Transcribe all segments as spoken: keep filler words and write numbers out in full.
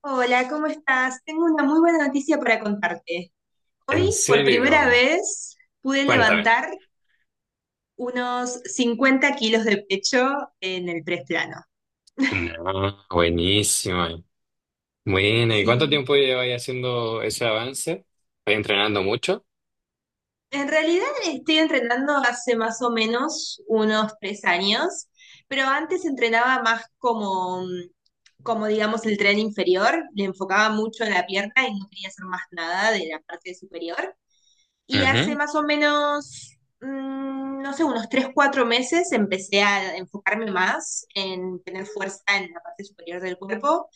Hola, ¿cómo estás? Tengo una muy buena noticia para contarte. ¿En Hoy, por primera serio? vez, pude Cuéntame. levantar unos cincuenta kilos de pecho en el press plano. No, buenísimo. Bueno, ¿y cuánto Sí. tiempo lleváis haciendo ese avance? ¿Vais entrenando mucho? En realidad estoy entrenando hace más o menos unos tres años, pero antes entrenaba más como, como digamos, el tren inferior, le enfocaba mucho en la pierna y no quería hacer más nada de la parte superior. Y hace Ujú. más o menos, mm, no sé, unos tres o cuatro meses empecé a enfocarme más en tener fuerza en la parte superior del cuerpo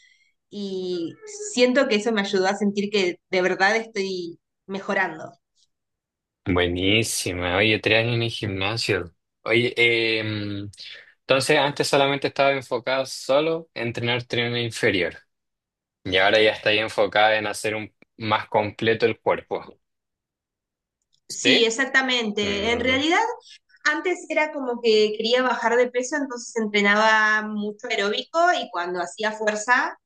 y siento que eso me ayudó a sentir que de verdad estoy mejorando. Buenísima. Oye, tres años en el gimnasio. Oye, em, entonces antes solamente estaba enfocada solo en entrenar tren inferior. Y ahora ya está ahí enfocada en hacer un, más completo el cuerpo. Sí, ¿Sí? exactamente. En Mm, realidad, antes era como que quería bajar de peso, entonces entrenaba mucho aeróbico y cuando hacía fuerza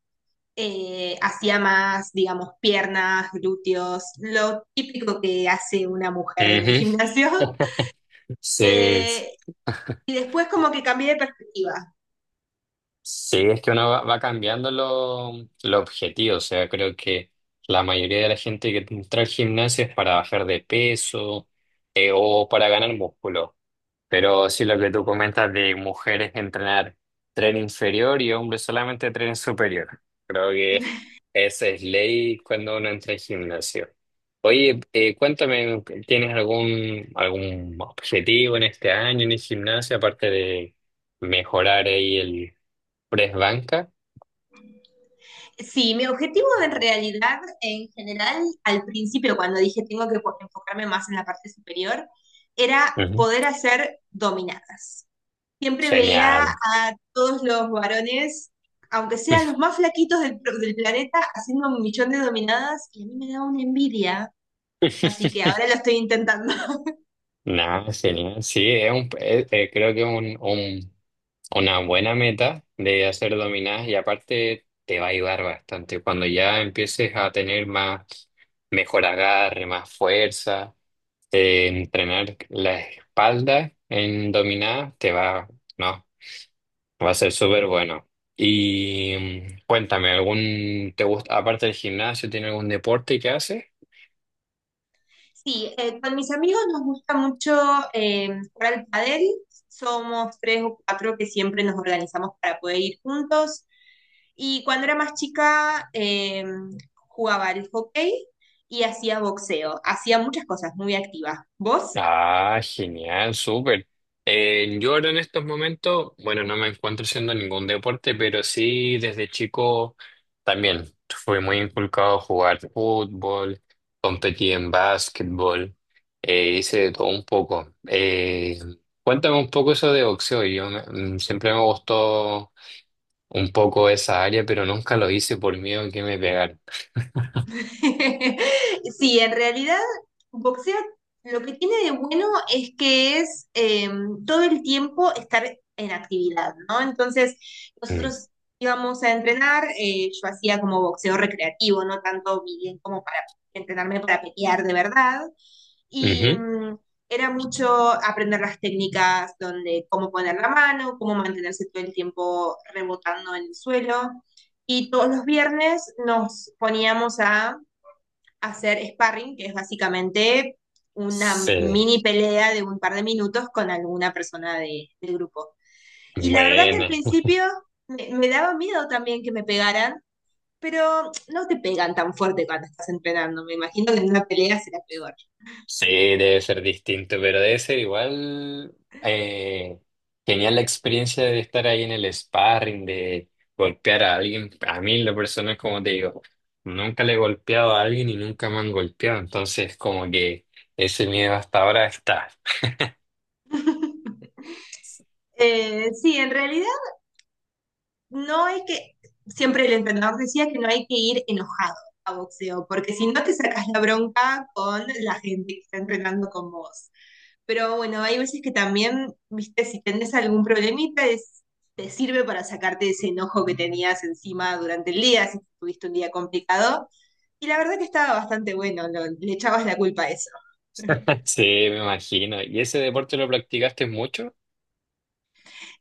eh, hacía más, digamos, piernas, glúteos, lo típico que hace una mujer en el ujú. gimnasio. Sí. Eh, y después como que cambié de perspectiva. Sí, es que uno va, va cambiando lo- los objetivos. O sea, creo que la mayoría de la gente que entra al gimnasio es para bajar de peso, eh, o para ganar músculo. Pero sí, lo que tú comentas de mujeres entrenar tren inferior y hombres solamente tren superior. Creo que esa es ley cuando uno entra al gimnasio. Oye, eh, cuéntame, ¿tienes algún, algún objetivo en este año en el gimnasio aparte de mejorar ahí el Presbanca? Sí, mi objetivo en realidad, en general, al principio, cuando dije tengo que po- enfocarme más en la parte superior, era Ujú. poder hacer dominadas. Siempre veía Genial. a todos los varones, aunque sean los más flaquitos del, pro- del planeta, haciendo un millón de dominadas y a mí me daba una envidia. Así que ahora lo estoy intentando. Nada, genial. Sí, es un, es- eh, creo que es un, un- una buena meta de hacer dominadas y aparte te va a ayudar bastante. Cuando ya empieces a tener más, mejor agarre, más fuerza, eh, entrenar la espalda en dominadas te va, no, va a ser súper bueno. Y mm, cuéntame, ¿algún, te gusta, aparte del gimnasio, tiene algún deporte que haces? Sí, eh, con mis amigos nos gusta mucho eh, jugar al pádel. Somos tres o cuatro que siempre nos organizamos para poder ir juntos. Y cuando era más chica, eh, jugaba al hockey y hacía boxeo. Hacía muchas cosas muy activas. ¿Vos? Ah, genial, súper. Eh, yo ahora en estos momentos, bueno, no me encuentro haciendo ningún deporte, pero sí desde chico también fui muy inculcado a jugar fútbol, competí en básquetbol, eh, hice de todo un poco. Eh, cuéntame un poco eso de boxeo. Yo me- mm, siempre me gustó un poco esa área, pero nunca lo hice por miedo a que me pegaran. Sí, en realidad, boxeo lo que tiene de bueno es que es eh, todo el tiempo estar en actividad, ¿no? Entonces, Mm. nosotros íbamos a entrenar, eh, yo hacía como boxeo recreativo, no tanto bien como para entrenarme para pelear de verdad, y Ujú. mm, era mucho aprender las técnicas donde cómo poner la mano, cómo mantenerse todo el tiempo rebotando en el suelo. Y todos los viernes nos poníamos a hacer sparring, que es básicamente una Sí, mini pelea de un par de minutos con alguna persona de, del grupo. Y la verdad que al bueno. principio me, me daba miedo también que me pegaran, pero no te pegan tan fuerte cuando estás entrenando. Me imagino que en una pelea será peor. Sí, debe ser distinto, pero debe ser igual, eh, genial la experiencia de estar ahí en el sparring, de golpear a alguien. A mí, la persona, como te digo, nunca le he golpeado a alguien y nunca me han golpeado, entonces como que ese miedo hasta ahora está. Eh, sí, en realidad no es que siempre el entrenador decía que no hay que ir enojado a boxeo, porque si no te sacas la bronca con la gente que está entrenando con vos. Pero bueno, hay veces que también, viste, si tenés algún problemita, es- te sirve para sacarte ese enojo que tenías encima durante el día, si tuviste un día complicado. Y la verdad que estaba bastante bueno, lo- le echabas la culpa a eso. Sí, me imagino. ¿Y ese deporte lo practicaste mucho?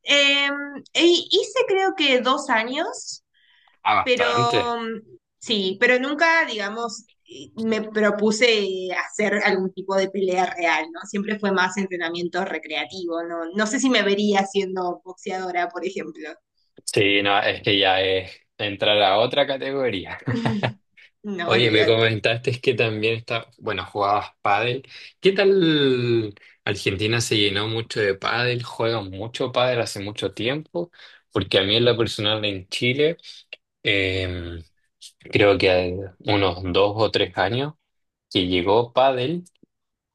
Eh, E hice creo que dos años, Ah, pero bastante. mm, sí, pero nunca, digamos, eh, me propuse hacer algún tipo de pelea real, ¿no? Siempre fue más entrenamiento recreativo, ¿no? No sé si me vería siendo boxeadora, por ejemplo. Sí, no, es que ya es entrar a otra categoría. No, Oye, me olvídate. comentaste que también está, bueno, jugabas pádel. ¿Qué tal Argentina se llenó mucho de pádel? ¿Juegan mucho pádel hace mucho tiempo? Porque a mí en lo personal en Chile, eh, creo que hay unos dos o tres años que llegó pádel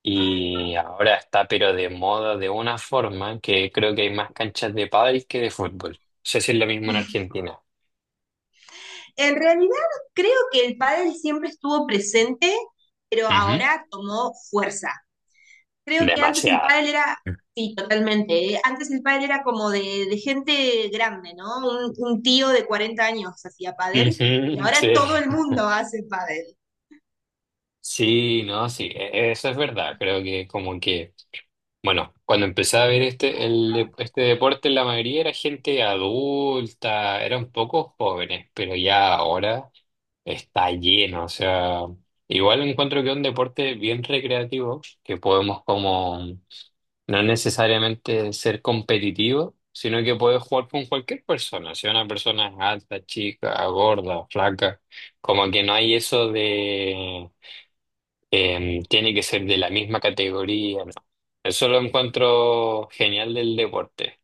y ahora está pero de moda de una forma que creo que hay más canchas de pádel que de fútbol. No sé si es lo mismo en Argentina. En realidad creo que el pádel siempre estuvo presente, pero Ujú. ahora tomó fuerza. Creo que antes el Demasiado. pádel era, sí, totalmente. eh, Antes el pádel era como de, de gente grande, ¿no? Un, un tío de cuarenta años hacía pádel y Ujú, ahora sí. todo el mundo hace pádel. Sí, no, sí, e- eso es verdad. Creo que como que, bueno, cuando empecé a ver este, el, de- este deporte, la mayoría era gente adulta, eran pocos jóvenes, pero ya ahora está lleno. O sea, igual encuentro que es un deporte bien recreativo, que podemos como no necesariamente ser competitivo, sino que puedes jugar con cualquier persona, si una persona es alta, chica, gorda, flaca, como que no hay eso, eh, tiene que ser de la misma categoría, ¿no? Eso lo encuentro genial del deporte.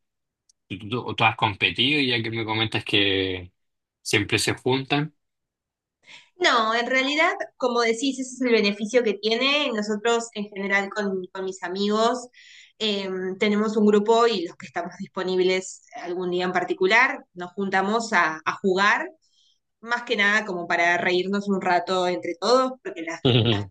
¿Tú, tú- tú has competido y ya que me comentas que siempre se juntan? No, en realidad, como decís, ese es el beneficio que tiene. Nosotros, en general, con, con mis amigos, eh, tenemos un grupo y los que estamos disponibles algún día en particular, nos juntamos a, a jugar, más que nada como para reírnos un rato entre todos, porque las, las,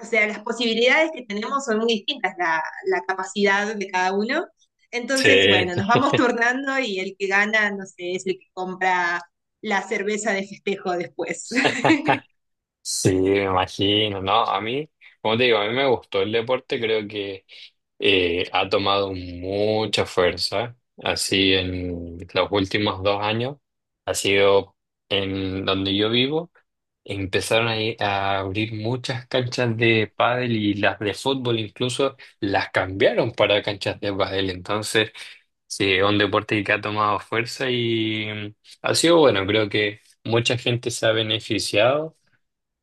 o sea, las posibilidades que tenemos son muy distintas, la, la capacidad de cada uno. Entonces, Sí. bueno, nos vamos turnando y el que gana, no sé, es el que compra la cerveza de festejo después. Sí, me imagino, ¿no? A mí, como te digo, a mí me gustó el deporte, creo que eh, ha tomado mucha fuerza, así en los últimos dos años, ha sido en donde yo vivo, empezaron a, ir- a abrir muchas canchas de pádel y las de fútbol incluso las cambiaron para canchas de pádel, entonces sí, es un deporte que ha tomado fuerza y, mm, ha sido bueno, creo que mucha gente se ha beneficiado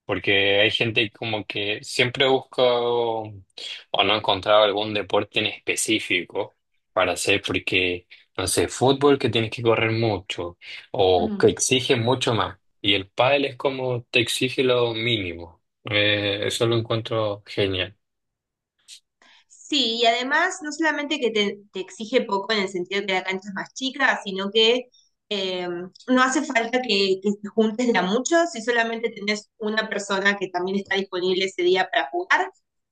porque hay gente como que siempre busca o no ha encontrado algún deporte en específico para hacer, porque, no sé, fútbol que tienes que correr mucho o que exige mucho más. Y el pádel es como te exige lo mínimo. Eh, eso lo encuentro genial. Sí, y además no solamente que te, te exige poco en el sentido de que la cancha es más chica, sino que eh, no hace falta que, que te juntes de a muchos, si solamente tenés una persona que también está disponible ese día para jugar,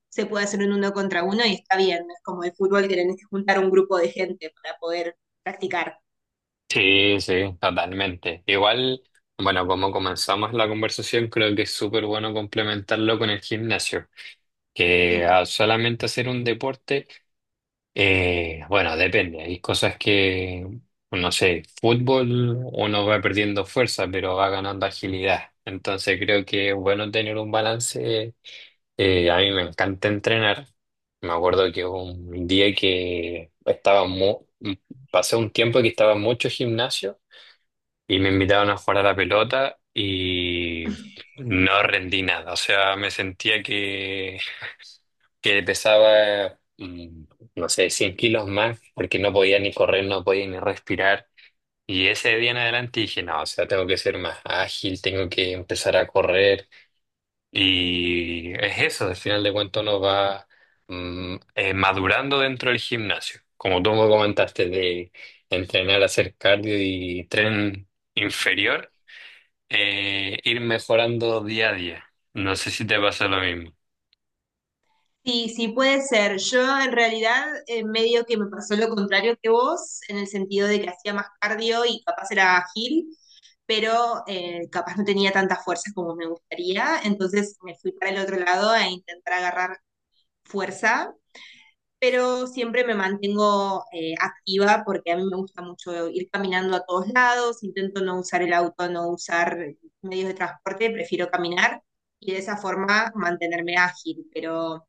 se puede hacer un uno contra uno y está bien, no es como el fútbol que tenés que juntar un grupo de gente para poder practicar. Sí, sí, totalmente. Igual, bueno, como comenzamos la conversación, creo que es súper bueno complementarlo con el gimnasio, que Mm. a solamente hacer un deporte. Eh, bueno, depende. Hay cosas que, no sé, fútbol uno va perdiendo fuerza, pero va ganando agilidad. Entonces creo que es bueno tener un balance. Eh, a mí me encanta entrenar. Me acuerdo que hubo un día que estaba mu- pasé un tiempo que estaba mucho gimnasio y me invitaban a jugar a la pelota y no rendí nada. O sea, me sentía que que pesaba, mm, no sé, cien kilos más, porque no podía ni correr, no podía ni respirar. Y ese día en adelante dije, no, o sea, tengo que ser más ágil, tengo que empezar a correr. Y es eso, al final de cuentas uno va, mm, eh, madurando dentro del gimnasio. Como tú me comentaste de entrenar, hacer cardio y tren inferior, eh, ir mejorando día a día. No sé si te pasa lo mismo. Sí, sí puede ser. Yo en realidad eh, medio que me pasó lo contrario que vos, en el sentido de que hacía más cardio y capaz era ágil, pero eh, capaz no tenía tanta fuerza como me gustaría, entonces me fui para el otro lado a intentar agarrar fuerza, pero siempre me mantengo eh, activa porque a mí me gusta mucho ir caminando a todos lados, intento no usar el auto, no usar medios de transporte, prefiero caminar y de esa forma mantenerme ágil, pero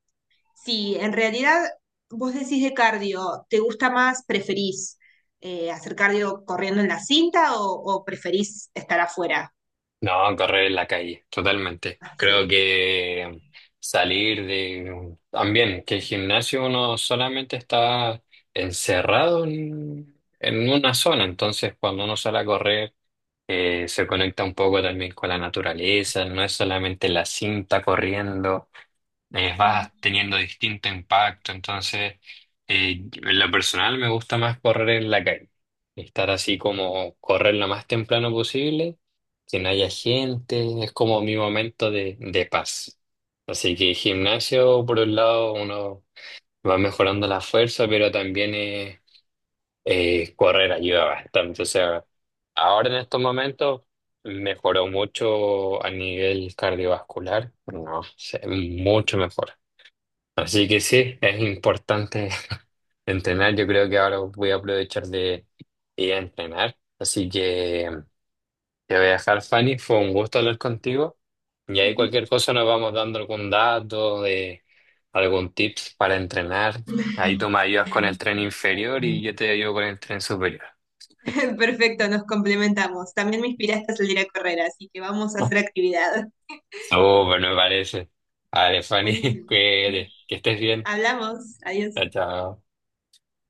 sí, en realidad vos decís de cardio, ¿te gusta más, preferís eh, hacer cardio corriendo en la cinta o, o preferís estar afuera? No, correr en la calle, totalmente. Ah, Creo sí. que salir de... También, que el gimnasio uno solamente está encerrado en, en una zona, entonces cuando uno sale a correr, eh, se conecta un poco también con la naturaleza, no es solamente la cinta corriendo, eh, Mm. vas teniendo distinto impacto. Entonces, eh, en lo personal me gusta más correr en la calle. Estar así como correr lo más temprano posible, que no haya gente, es como mi momento de, de paz. Así que gimnasio, por un lado, uno va mejorando la fuerza, pero también eh, eh, correr ayuda bastante. O sea, ahora en estos momentos mejoró mucho a nivel cardiovascular, no sé, mucho mejor. Así que sí, es importante entrenar. Yo creo que ahora voy a aprovechar de ir a entrenar. Así que te voy a dejar, Fanny. Fue un gusto hablar contigo. Y ahí cualquier Ujú. cosa nos vamos dando algún dato de algún tips para entrenar. Ahí tú me ayudas con el tren inferior y yo te ayudo con el tren superior. Perfecto, nos complementamos. También me inspiraste a salir a correr, así que vamos a hacer actividad. Oh, súper, me parece. Vale, Fanny, Buenísimo. cuídate, que estés bien. Hablamos. Adiós. Chao, chao.